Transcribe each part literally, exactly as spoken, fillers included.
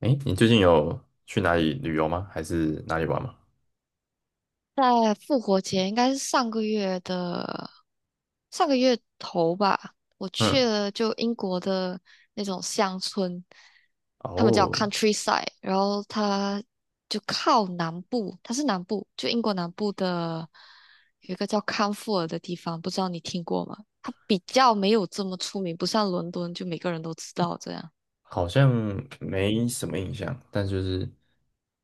哎，你最近有去哪里旅游吗？还是哪里玩吗？在复活节，应该是上个月的上个月头吧，我嗯，去了就英国的那种乡村，他们叫 哦，countryside，然后它就靠南部，它是南部，就英国南部的有一个叫康沃尔的地方，不知道你听过吗？它比较没有这么出名，不像伦敦就每个人都知道这样。好像没什么印象，但就是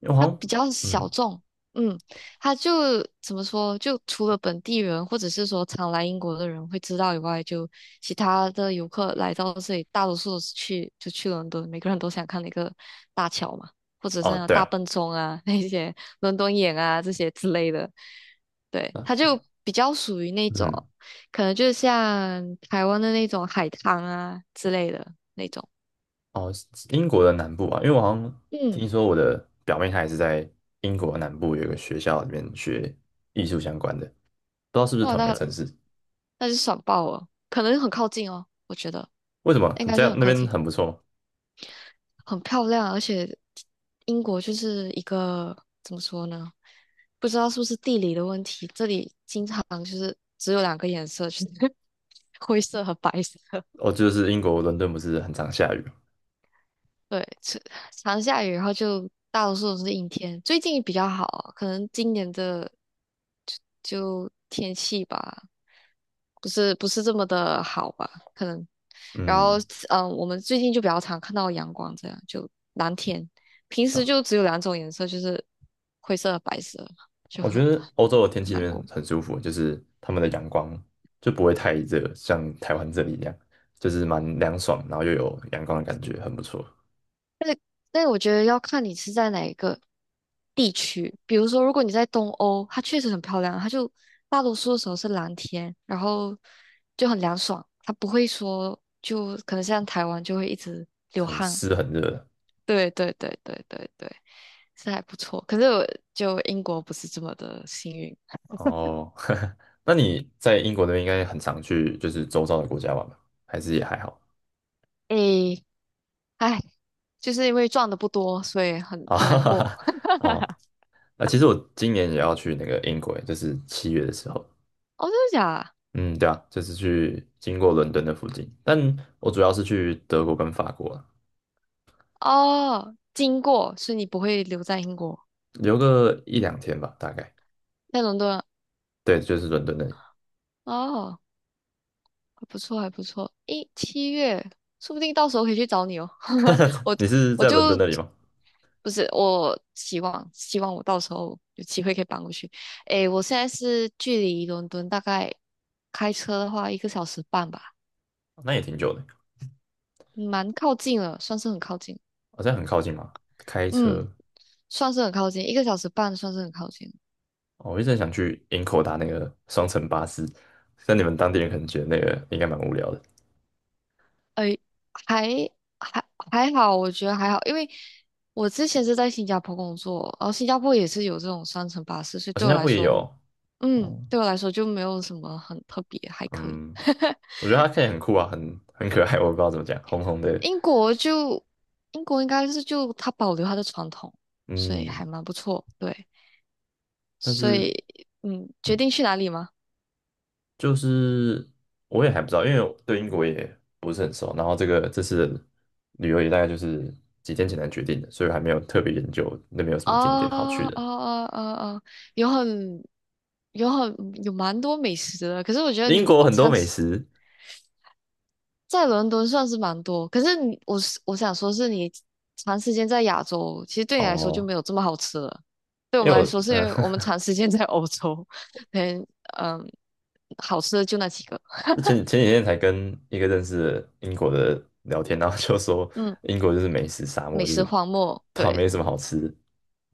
因为我它好像，比较嗯，小众，嗯，它就怎么说，就除了本地人或者是说常来英国的人会知道以外，就其他的游客来到这里，大多数都是去就去伦敦，每个人都想看那个大桥嘛，或者是哦，那个对大啊，笨钟啊，那些伦敦眼啊这些之类的，对，啊，它就比较属于那种，嗯，可能就像台湾的那种海滩啊之类的那种，哦，英国的南部啊，因为我好像嗯，听说我的表妹她也是在英国的南部有一个学校里面学艺术相关的，不知道是不是哇，同一个那城市？那就爽爆了，可能很靠近哦，我觉得。为什么？应该这是样很那靠边近，很不错吗？很漂亮，而且英国就是一个怎么说呢？不知道是不是地理的问题，这里经常就是只有两个颜色，就是 灰色和白色。哦，就是英国伦敦不是很常下雨？对，常常下雨，然后就大多数都是阴天。最近比较好，可能今年的就天气吧，不是不是这么的好吧？可能，然后嗯，嗯，我们最近就比较常看到阳光，这样就蓝天。平时嗯，就只有两种颜色，就是灰色和白色，就我很觉得欧洲的天很气那难边很过。很舒服，就是他们的阳光就不会太热，像台湾这里一样，就是蛮凉爽，然后又有阳光的感觉，很不错，那我觉得要看你是在哪一个地区。比如说，如果你在东欧，它确实很漂亮，它就大多数的时候是蓝天，然后就很凉爽，它不会说就可能像台湾就会一直流很汗。湿很热。对对对对对对，是还不错。可是我就英国不是这么的幸运，哦，那你在英国那边应该很常去，就是周遭的国家玩吧？还是也还好？诶，唉，就是因为赚的不多，所以很啊？很难过。哦，那其实我今年也要去那个英国，就是七月的时候。哦，真的假的？嗯，对啊，就是去经过伦敦的附近，但我主要是去德国跟法国啊，哦，经过，所以你不会留在英国，留个一两天吧，大概。在伦敦啊对，就是伦敦那里。哦。还不错，还不错。诶，七月，说不定到时候可以去找你哦。我你是我在伦敦就那里吗？不是，我希望希望我到时候有机会可以搬过去。诶，我现在是距离伦敦大概开车的话一个小时半吧，哦那也挺久的，蛮靠近了，算是很靠近。好像很靠近嘛。开嗯，车，算是很靠近，一个小时半算是很靠近。哦我一直很想去营口搭那个双层巴士，但你们当地人可能觉得那个应该蛮无聊的。诶，还还还好，我觉得还好，因为我之前是在新加坡工作，然后新加坡也是有这种双层巴士，所以啊，对新我加来坡也说有，嗯，哦，对我来说就没有什么很特别，还可以。嗯，我觉得它看起来很酷啊，很很可爱，我不知道怎么讲，红红的，英国就英国应该是就它保留它的传统，所以还嗯，蛮不错。对，但所是，以嗯，决嗯，定去哪里吗？就是我也还不知道，因为我对英国也不是很熟，然后这个这次的旅游也大概就是几天前才决定的，所以还没有特别研究那边有什么景点好去啊啊的。啊啊啊！有很有很有蛮多美食的，可是我觉得英你国很多常美吃。食？在伦敦算是蛮多，可是你我是我想说，是你长时间在亚洲，其实对你来说就哦，没有这么好吃了。对我因为们我来说，是因嗯、为我们呃 长时间在欧洲，嗯嗯，好吃的就那几个，前前几天才跟一个认识的英国的聊天，然后就说 嗯，英国就是美食沙漠，美就食是荒漠。它对，没什么好吃，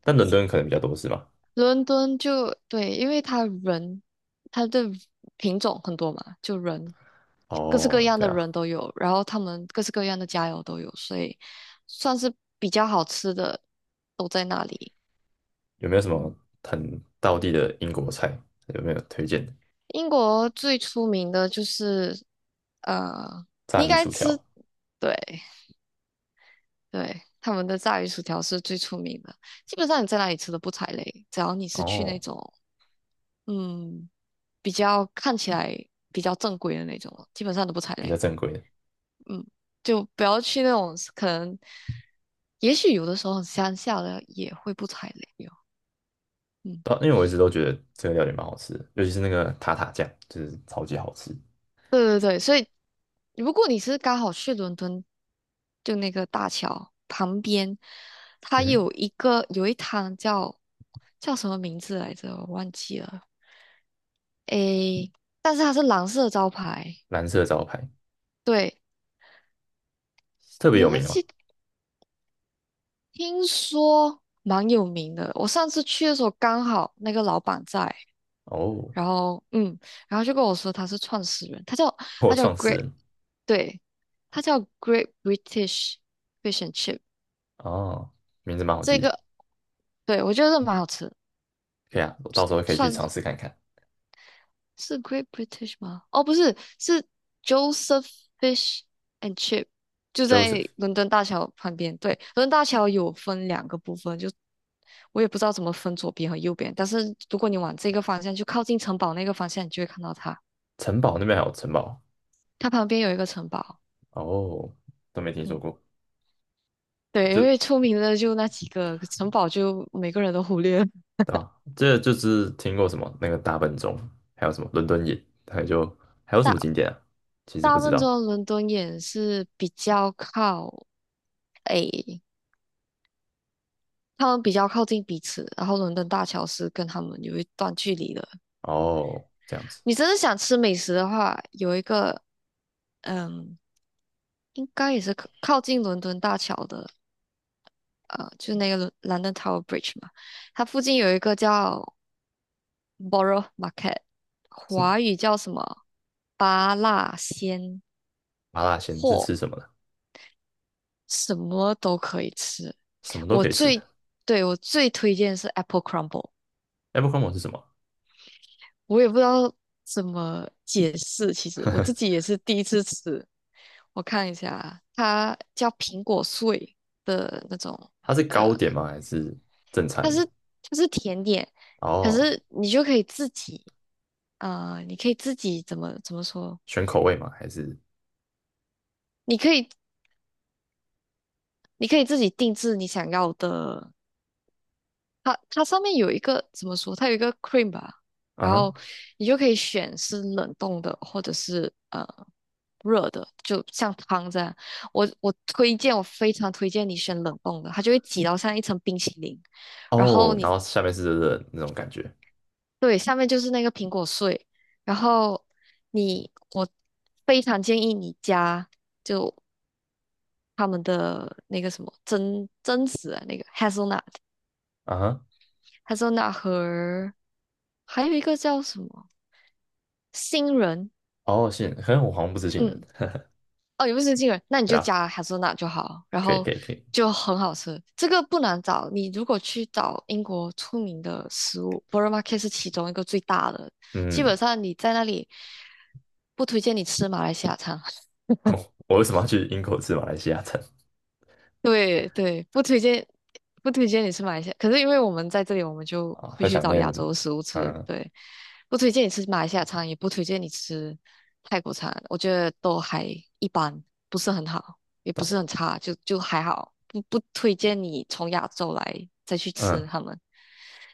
但伦敦可能比较多是吗？伦敦就对，因为他人，他的品种很多嘛，就人各式各哦，样对的啊，人都有，然后他们各式各样的佳肴都有，所以算是比较好吃的都在那里。有没有什么嗯很道地的英国菜？有没有推荐的？英国最出名的就是呃，你炸应鱼该薯吃，条。对对，他们的炸鱼薯条是最出名的。基本上你在哪里吃都不踩雷，只要你是去那哦，种嗯比较看起来比较正规的那种，基本上都不踩比较雷。正规的，嗯，就不要去那种可能，也许有的时候乡下的也会不踩雷哟。嗯对啊因为我一直都觉得这个料理蛮好吃的尤其是那个塔塔酱，就是超级好吃。对对对，所以如果你是刚好去伦敦，就那个大桥旁边，它嗯，有一个有一摊叫叫什么名字来着，我忘记了。诶，但是它是蓝色招牌，蓝色招牌对，特别我有忘名吗？记，听说蛮有名的。我上次去的时候刚好那个老板在，哦。然后嗯，然后就跟我说他是创始人，他叫或他叫 创始 Great，人？对，他叫 Great British Fish and Chip。哦，名字蛮好记这的，个对，我觉得蛮好吃的可以啊，我到时候可以去算尝是试看看。是 Great British 吗？哦，不是，是 Joseph Fish and Chip，就在 Joseph，伦敦大桥旁边。对，伦敦大桥有分两个部分，就我也不知道怎么分左边和右边，但是如果你往这个方向，就靠近城堡那个方向，你就会看到它。城堡那边还有城堡？它旁边有一个城堡，哦，都没听说嗯，过，我对，因就为出名的就那几个城堡，就每个人都忽略了。啊，这就是听过什么那个大笨钟，还有什么伦敦眼，还有就还有什么景大点啊？其实不大部知分道。中伦敦也是比较靠。他们比较靠近彼此，然后伦敦大桥是跟他们有一段距离的。哦，这样子。你真的想吃美食的话，有一个嗯，应该也是靠靠近伦敦大桥的，呃，就是那个伦 London Tower Bridge 嘛，它附近有一个叫 Borough Market，华是语叫什么巴辣鲜麻辣鲜是货，吃什么的？什么都可以吃。什么都我可以吃。最对我最推荐是 Apple Crumble。Abercrombie 是什么？我也不知道怎么解释。其实我自己也是第一次吃，我看一下，它叫苹果碎的那种，它是呃，糕点吗？还是正它餐的？是就是甜点，可哦，是你就可以自己，呃，你可以自己怎么怎么说？选口味吗？还是你可以你可以自己定制你想要的它它上面有一个怎么说？它有一个 cream 吧，啊然哈。后你就可以选是冷冻的，或者是呃热的，就像汤这样。我我推荐，我非常推荐你选冷冻的，它就会挤到像一层冰淇淋，然后哦，然你后下面是热热的那种感觉。对下面就是那个苹果碎，然后你我非常建议你加就他们的那个什么榛榛子啊，那个 hazelnut 啊哈，hazelnut 和还有一个叫什么？新人，哦，杏仁，可能我好像不是杏仁，嗯，哦，也不是新人，那你对就啊，加哈森纳就好，然可以后可以可以，就很好吃。这个不难找，你如果去找英国出名的食物 b o r o m a r k e t 是其中一个最大的，基本嗯，上你在那里不推荐你吃马来西亚餐。我为什么要去英国吃马来西亚餐？对对，不推荐，不推荐你吃马来西亚。可是因为我们在这里，我们就啊？会很去想找念，亚洲的食物吃。嗯，对，不推荐你吃马来西亚餐，也不推荐你吃泰国餐。我觉得都还一般，不是很好，也不到，是很差，就就还好。不不推荐你从亚洲来再去吃嗯，他们。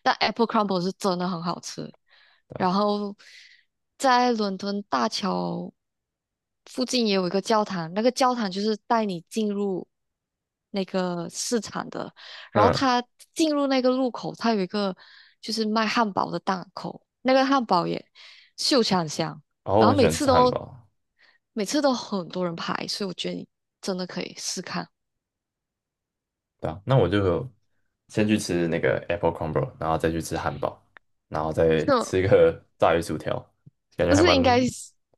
但 Apple Crumble 是真的很好吃。对啊，然后在伦敦大桥附近也有一个教堂，那个教堂就是带你进入那个市场的。然后嗯，它进入那个路口，它有一个就是卖汉堡的档口，那个汉堡也秀场香，然后然我后很喜每欢次吃汉都堡，每次都很多人排，所以我觉得你真的可以试看。对啊，那我就先去吃那个 apple crumble，然后再去吃汉堡，然后再吃一就个炸鱼薯条，感觉不还是蛮。应该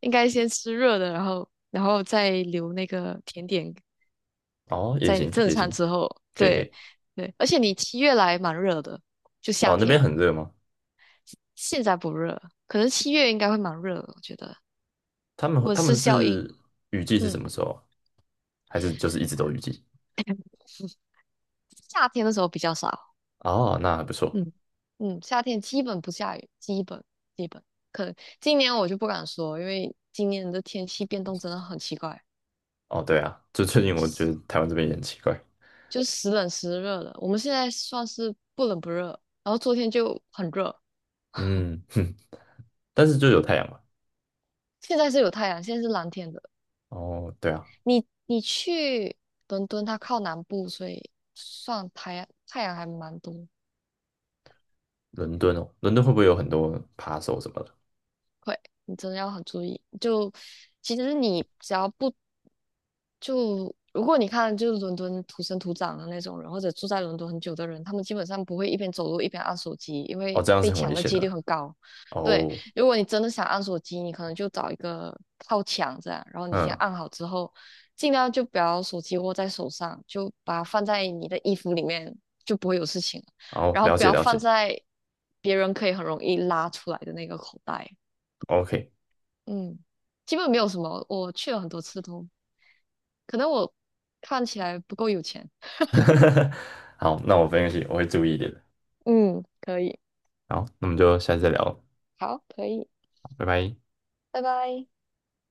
应该先吃热的，然后然后再留那个甜点哦，也在你行正也餐行，之后，可以可对以，对，而且你七月来蛮热的，就夏哦，那边天，很热吗？现在不热，可能七月应该会蛮热的，我觉得他们温他室们效应，是雨季是嗯，什么时候啊？还是就是一直都雨季？夏天的时候比较少，哦，那还不错。嗯嗯，夏天基本不下雨，基本基本，可能今年我就不敢说，因为今年的天气变动真的很奇怪，哦，对啊，就最近我觉得台湾这边也很奇怪，就时冷时热的，我们现在算是不冷不热，然后昨天就很热，嗯，哼，但是就有太阳嘛。现在是有太阳，现在是蓝天的。哦，对啊，你你去伦敦，它靠南部，所以算太阳太阳还蛮多。伦敦哦，伦敦会不会有很多扒手什么的？会，你真的要很注意。就其实你只要不就如果你看，就是伦敦土生土长的那种人，或者住在伦敦很久的人，他们基本上不会一边走路一边按手机，因哦，为这样被是很危抢的险几率的。很高。对，哦，如果你真的想按手机，你可能就找一个靠墙这样，然后你先嗯，按好之后，尽量就不要手机握在手上，就把它放在你的衣服里面，就不会有事情了哦，然后了不解要了放解在别人可以很容易拉出来的那个口袋。，OK，嗯，基本没有什么，我去了很多次都可能我看起来不够有钱。好，那我分析，我会注意一点的。嗯，可以，好，那我们就下次再聊，好，可以，拜拜。拜拜。